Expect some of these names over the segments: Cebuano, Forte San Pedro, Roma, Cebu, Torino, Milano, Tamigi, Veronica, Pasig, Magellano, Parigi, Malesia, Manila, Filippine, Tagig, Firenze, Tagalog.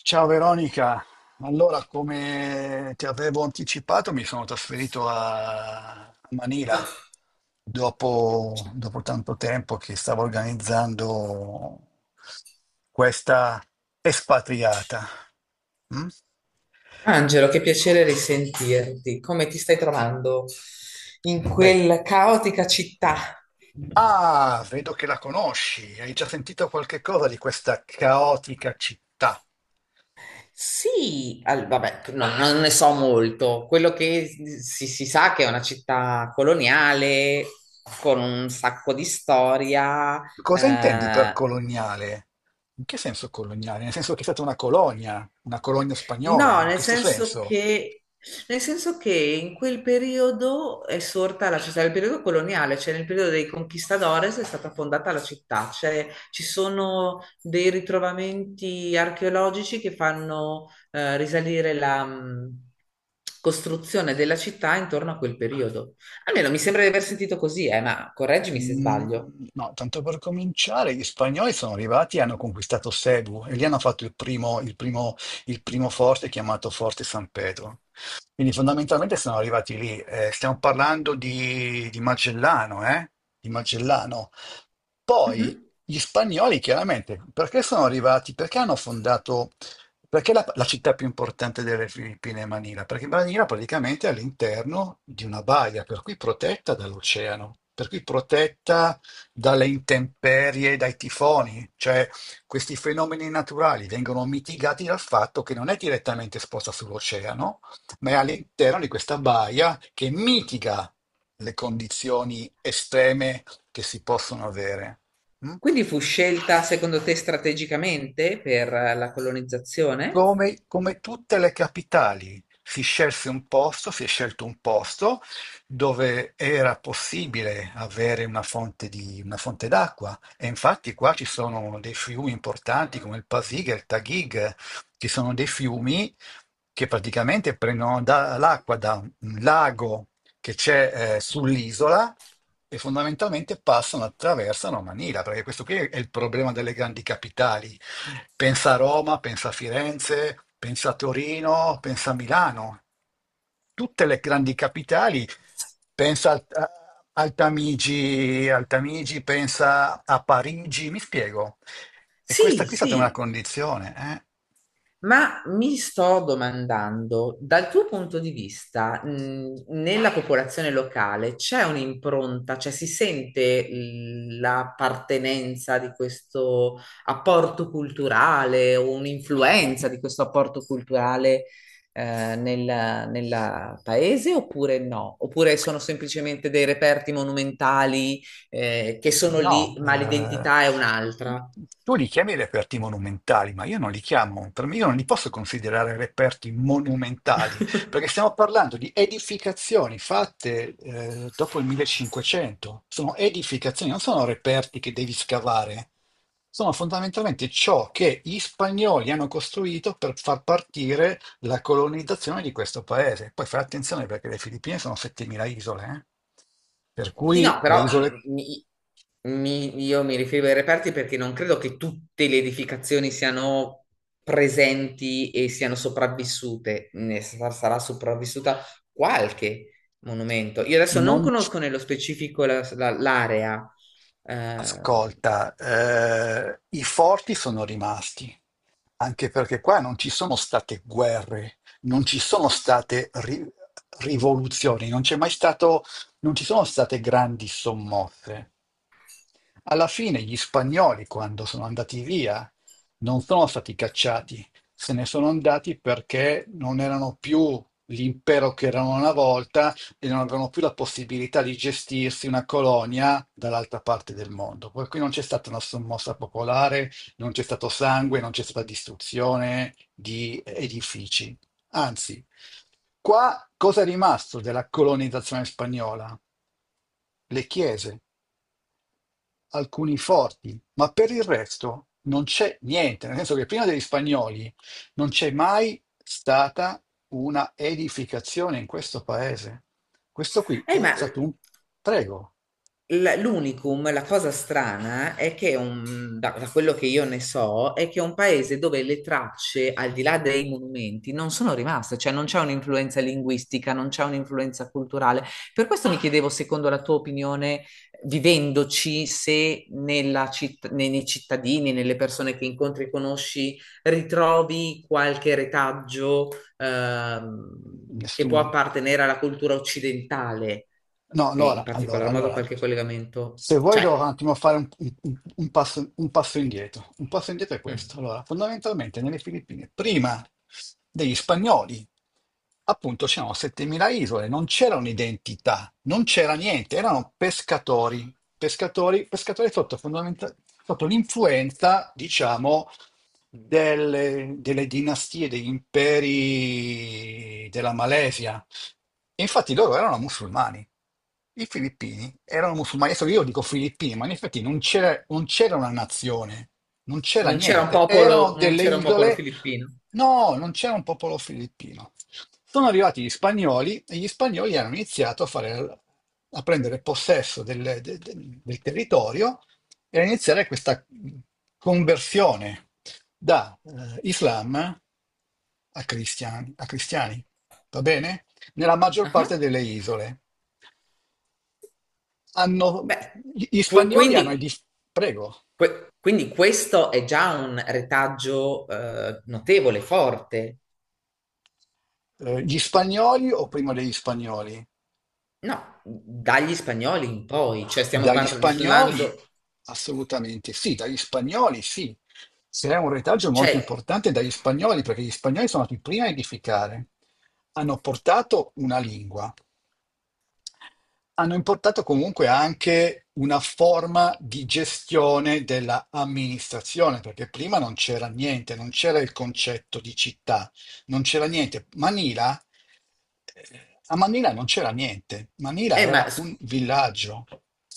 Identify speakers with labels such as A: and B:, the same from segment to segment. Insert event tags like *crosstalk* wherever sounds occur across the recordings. A: Ciao Veronica, allora come ti avevo anticipato mi sono trasferito a Manila dopo tanto tempo che stavo organizzando questa espatriata. Mm?
B: Angelo, che piacere risentirti. Come ti stai trovando in
A: Beh,
B: quella caotica città?
A: vedo che la conosci, hai già sentito qualche cosa di questa caotica città.
B: Sì, al- vabbè, no- non ne so molto. Quello che si sa che è una città coloniale con un sacco di storia.
A: Cosa intendi per
B: eh,
A: coloniale? In che senso coloniale? Nel senso che è stata una colonia spagnola,
B: No,
A: in questo senso?
B: nel senso che in quel periodo è sorta la città, nel periodo coloniale, cioè nel periodo dei conquistadores è stata fondata la città, cioè ci sono dei ritrovamenti archeologici che fanno risalire la costruzione della città intorno a quel periodo. Almeno mi sembra di aver sentito così, ma correggimi se
A: Mm,
B: sbaglio.
A: no, tanto per cominciare, gli spagnoli sono arrivati e hanno conquistato Cebu e lì hanno fatto il primo forte chiamato Forte San Pedro. Quindi fondamentalmente sono arrivati lì. Stiamo parlando di Magellano, eh? Di Magellano. Poi
B: Mhm.
A: gli spagnoli, chiaramente, perché sono arrivati? Perché hanno fondato. Perché la città più importante delle Filippine è Manila? Perché Manila praticamente è all'interno di una baia, per cui protetta dall'oceano, per cui protetta dalle intemperie, dai tifoni, cioè questi fenomeni naturali vengono mitigati dal fatto che non è direttamente esposta sull'oceano, ma è all'interno di questa baia che mitiga le condizioni estreme che si possono avere. Mm?
B: Quindi fu scelta secondo te strategicamente per la colonizzazione?
A: Come, come tutte le capitali, si scelse un posto, si è scelto un posto dove era possibile avere una fonte d'acqua. E infatti qua ci sono dei fiumi importanti come il Pasig e il Tagig, ci sono dei fiumi che praticamente l'acqua da un lago che c'è sull'isola e fondamentalmente passano, attraversano Manila, perché questo qui è il problema delle grandi capitali. Pensa a Roma, pensa a Firenze, pensa a Torino, pensa a Milano, tutte le grandi capitali, pensa al- a al Tamigi, pensa a Parigi, mi spiego. E questa
B: Sì,
A: qui è stata una
B: sì,
A: condizione,
B: ma mi sto domandando, dal tuo punto di vista, nella popolazione locale c'è un'impronta, cioè si sente l- l'appartenenza di questo apporto culturale o un'influenza di questo apporto culturale, nel, nella paese oppure no? Oppure sono semplicemente dei
A: eh?
B: reperti monumentali, che sono lì,
A: No,
B: ma l'identità è un'altra?
A: tu li chiami reperti monumentali, ma io non li chiamo, per me io non li posso considerare reperti monumentali, perché
B: *laughs*
A: stiamo parlando di edificazioni fatte dopo il 1500, sono edificazioni, non sono reperti che devi scavare, sono fondamentalmente ciò che gli spagnoli hanno costruito per far partire la colonizzazione di questo paese. Poi fai attenzione perché le Filippine sono 7.000 isole, eh. Per
B: Sì,
A: cui
B: no,
A: le
B: però
A: isole
B: mi- mi- io mi riferivo ai reperti perché non credo che tutte le edificazioni siano presenti e siano sopravvissute. Ne sa- sarà sopravvissuta qualche monumento. Io adesso non
A: non,
B: conosco nello specifico la- la- l'area. Eh,
A: ascolta, i forti sono rimasti, anche perché qua non ci sono state guerre, non ci sono state ri- rivoluzioni, non c'è mai stato, non ci sono state grandi sommosse. Alla fine gli spagnoli, quando sono andati via, non sono stati cacciati, se ne sono andati perché non erano più l'impero che erano una volta e non avevano più la possibilità di gestirsi una colonia dall'altra parte del mondo. Per cui non c'è stata una sommossa popolare, non c'è stato sangue, non c'è stata distruzione di edifici. Anzi, qua cosa è rimasto della colonizzazione spagnola? Le chiese, alcuni forti, ma per il resto non c'è niente, nel senso che prima degli spagnoli non c'è mai stata una edificazione in questo paese. Questo qui è
B: ma
A: stato un prego,
B: l- l'unicum, la cosa strana è che un- da, da quello che io ne so, è che è un paese dove le tracce, al di là dei monumenti, non sono rimaste, cioè non c'è un'influenza linguistica, non c'è un'influenza culturale. Per questo mi chiedevo, secondo la tua opinione, vivendoci, se nella citt- nei, nei cittadini, nelle persone che incontri e conosci, ritrovi qualche retaggio che può
A: nessuno.
B: appartenere alla cultura occidentale
A: No,
B: e in
A: allora, allora,
B: particolar modo
A: allora,
B: qualche collegamento,
A: se vuoi
B: cioè,
A: devo un attimo fare un passo indietro. Un passo indietro è
B: mm,
A: questo. Allora, fondamentalmente nelle Filippine, prima degli spagnoli, appunto, c'erano 7.000 isole, non c'era un'identità, non c'era niente, erano pescatori, pescatori, pescatori sotto, sotto l'influenza, diciamo, delle dinastie, degli imperi della Malesia. Infatti loro erano musulmani. I filippini erano musulmani. Adesso io dico filippini, ma in effetti non c'era una nazione, non c'era
B: non c'era un
A: niente.
B: popolo,
A: Erano
B: non
A: delle
B: c'era un popolo
A: isole.
B: filippino.
A: No, non c'era un popolo filippino. Sono arrivati gli spagnoli e gli spagnoli hanno iniziato a fare, a prendere possesso del territorio e a iniziare questa conversione da Islam a cristiani, a cristiani. Va bene? Nella maggior
B: Ah,
A: parte delle isole. Hanno-
B: beh,
A: Gli
B: que-
A: spagnoli
B: quindi,
A: prego,
B: que- quindi questo è già un retaggio notevole, forte.
A: eh, gli spagnoli o prima degli spagnoli?
B: No, dagli spagnoli in poi, cioè stiamo
A: Dagli spagnoli
B: parlando,
A: assolutamente sì, dagli spagnoli sì. C'è un retaggio molto
B: cioè,
A: importante dagli spagnoli perché gli spagnoli sono stati i primi a edificare. Hanno portato una lingua, hanno importato comunque anche una forma di gestione della amministrazione, perché prima non c'era niente, non c'era il concetto di città, non c'era niente. Manila, a Manila non c'era niente, Manila
B: ma
A: era
B: s-
A: un villaggio.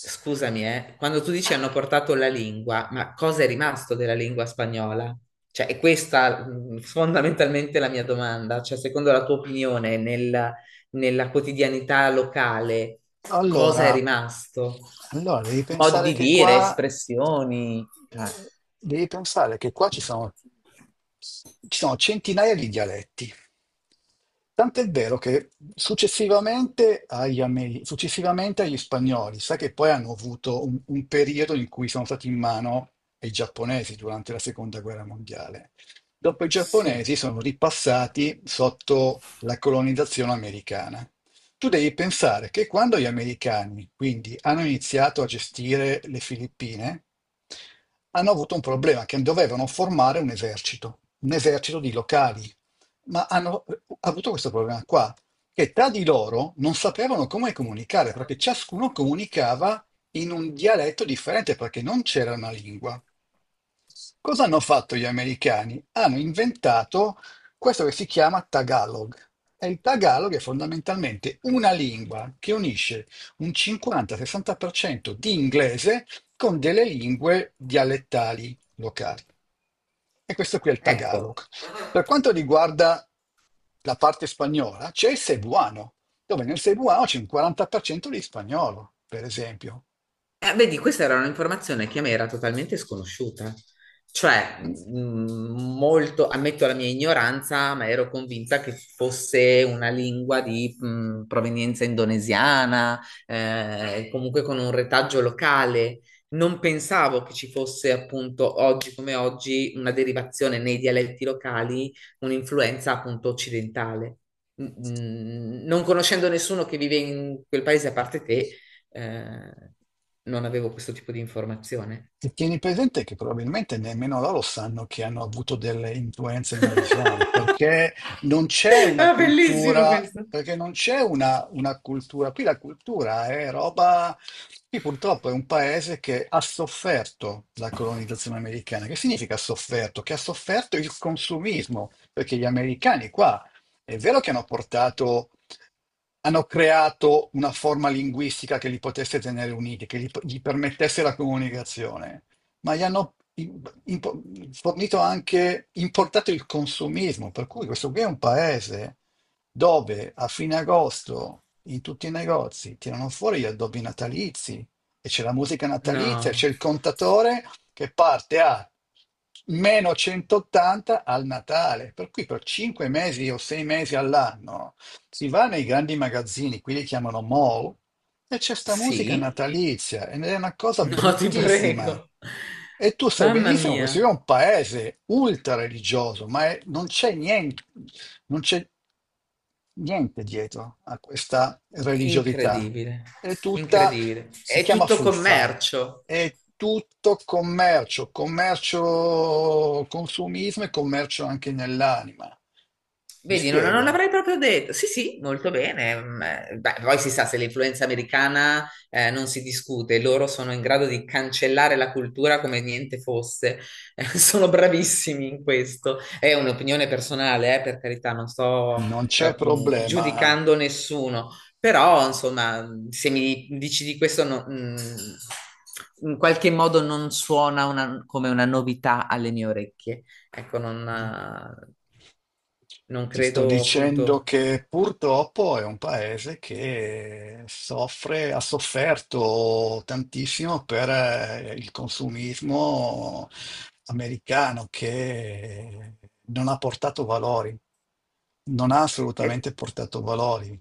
B: scusami, quando tu dici hanno portato la lingua, ma cosa è rimasto della lingua spagnola? Cioè, è questa fondamentalmente la mia domanda. Cioè, secondo la tua opinione, nel- nella quotidianità locale, cosa è
A: Allora,
B: rimasto?
A: allora devi
B: Modi
A: pensare
B: di
A: che
B: dire,
A: qua,
B: espressioni.
A: eh, devi pensare che qua ci sono centinaia di dialetti. Tant'è vero che successivamente agli spagnoli, sai che poi hanno avuto un periodo in cui sono stati in mano ai giapponesi durante la seconda guerra mondiale. Dopo i
B: Sì.
A: giapponesi sono ripassati sotto la colonizzazione americana. Tu devi pensare che quando gli americani, quindi, hanno iniziato a gestire le Filippine, hanno avuto un problema che dovevano formare un esercito di locali ma hanno avuto questo problema qua, che tra di loro non sapevano come comunicare, perché ciascuno comunicava in un dialetto differente, perché non c'era una lingua. Cosa hanno fatto gli americani? Hanno inventato questo che si chiama Tagalog. E il Tagalog è fondamentalmente una lingua che unisce un 50-60% di inglese con delle lingue dialettali locali. E questo qui è il Tagalog.
B: Ecco.
A: Per quanto riguarda la parte spagnola, c'è il Cebuano, dove nel Cebuano c'è un 40% di spagnolo, per esempio.
B: Vedi, questa era un'informazione che a me era totalmente sconosciuta. Cioè, molto, ammetto la mia ignoranza, ma ero convinta che fosse una lingua di provenienza indonesiana, comunque con un retaggio locale. Non pensavo che ci fosse appunto oggi come oggi una derivazione nei dialetti locali, un'influenza appunto occidentale. Mm, mm, non conoscendo nessuno che vive in quel paese a parte te, eh, non avevo questo tipo di informazione.
A: E tieni presente che probabilmente nemmeno loro sanno che hanno avuto delle influenze malesiane, perché non c'è
B: *laughs*
A: una
B: Ah, bellissimo
A: cultura,
B: questo.
A: perché non c'è una cultura. Qui la cultura è roba. Qui purtroppo è un paese che ha sofferto la colonizzazione americana. Che significa ha sofferto? Che ha sofferto il consumismo, perché gli americani qua è vero che hanno portato, hanno creato una forma linguistica che li potesse tenere uniti, che gli permettesse la comunicazione, ma gli hanno im- impo- fornito anche, importato il consumismo, per cui questo qui è un paese dove a fine agosto in tutti i negozi tirano fuori gli addobbi natalizi e c'è la musica natalizia, c'è
B: No,
A: il contatore che parte a meno 180 al Natale, per cui per 5 mesi o 6 mesi all'anno si va nei grandi magazzini, qui li chiamano mall, e c'è sta musica
B: sì,
A: natalizia, ed è una cosa
B: *laughs* no, ti
A: bruttissima.
B: prego.
A: E tu sai
B: Mamma
A: benissimo che questo qui
B: mia,
A: è un paese ultra religioso, ma non c'è niente, non c'è niente dietro a questa religiosità.
B: incredibile,
A: È tutta,
B: incredibile.
A: si
B: È
A: chiama
B: tutto
A: fuffa,
B: commercio.
A: è tutto commercio, commercio, consumismo e commercio anche nell'anima. Mi
B: Vedi, non, non
A: spiego?
B: l'avrei proprio detto. Sì, sì, molto bene. Mm, beh, poi si sa, se l'influenza americana non si discute, loro sono in grado di cancellare la cultura come niente fosse. *laughs* Sono bravissimi in questo. È un'opinione personale, per carità, non sto
A: Non c'è problema.
B: giudicando nessuno, però insomma, se mi dici di questo, no- mm, in qualche modo non suona una- come una novità alle mie orecchie. Ecco, non, non
A: Ti sto
B: credo
A: dicendo
B: appunto.
A: che purtroppo è un paese che soffre, ha sofferto tantissimo per il consumismo americano che non ha portato valori, non ha
B: Eh,
A: assolutamente portato valori.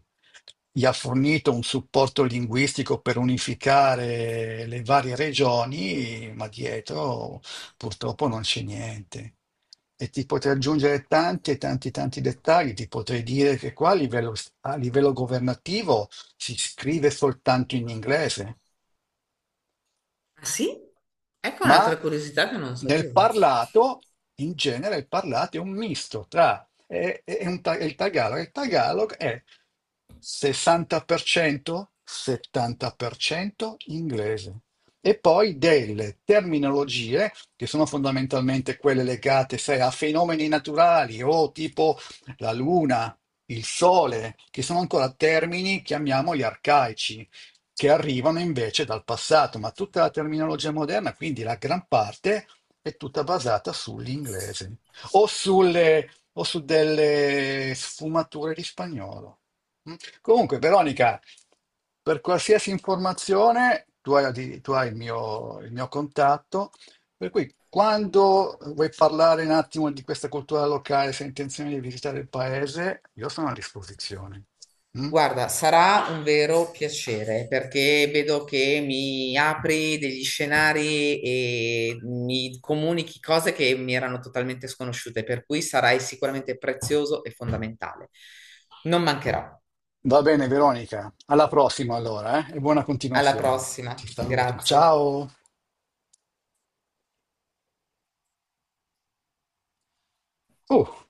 A: Gli ha fornito un supporto linguistico per unificare le varie regioni, ma dietro purtroppo non c'è niente. E ti potrei aggiungere tanti e tanti dettagli, ti potrei dire che qua a livello governativo si scrive soltanto in inglese,
B: ah, sì? Ecco
A: ma
B: un'altra curiosità che non
A: nel
B: sapevo.
A: parlato, in genere, il parlato è un misto tra è il Tagalog. Il Tagalog è 60%, 70% inglese. E poi delle terminologie che sono fondamentalmente quelle legate, sai, a fenomeni naturali o tipo la luna, il sole, che sono ancora termini, chiamiamoli arcaici, che arrivano invece dal passato, ma tutta la terminologia moderna, quindi la gran parte, è tutta basata sull'inglese o, o su delle sfumature di spagnolo. Mm. Comunque, Veronica, per qualsiasi informazione, tu hai il mio contatto, per cui quando vuoi parlare un attimo di questa cultura locale, se hai intenzione di visitare il paese, io sono a disposizione. Mm?
B: Guarda, sarà un vero piacere perché vedo che mi apri degli scenari e mi comunichi cose che mi erano totalmente sconosciute, per cui sarai sicuramente prezioso e fondamentale. Non mancherò.
A: Va bene, Veronica. Alla prossima allora, eh? E buona
B: Alla
A: continuazione.
B: prossima.
A: Ti saluto.
B: Grazie.
A: Ciao. Oh.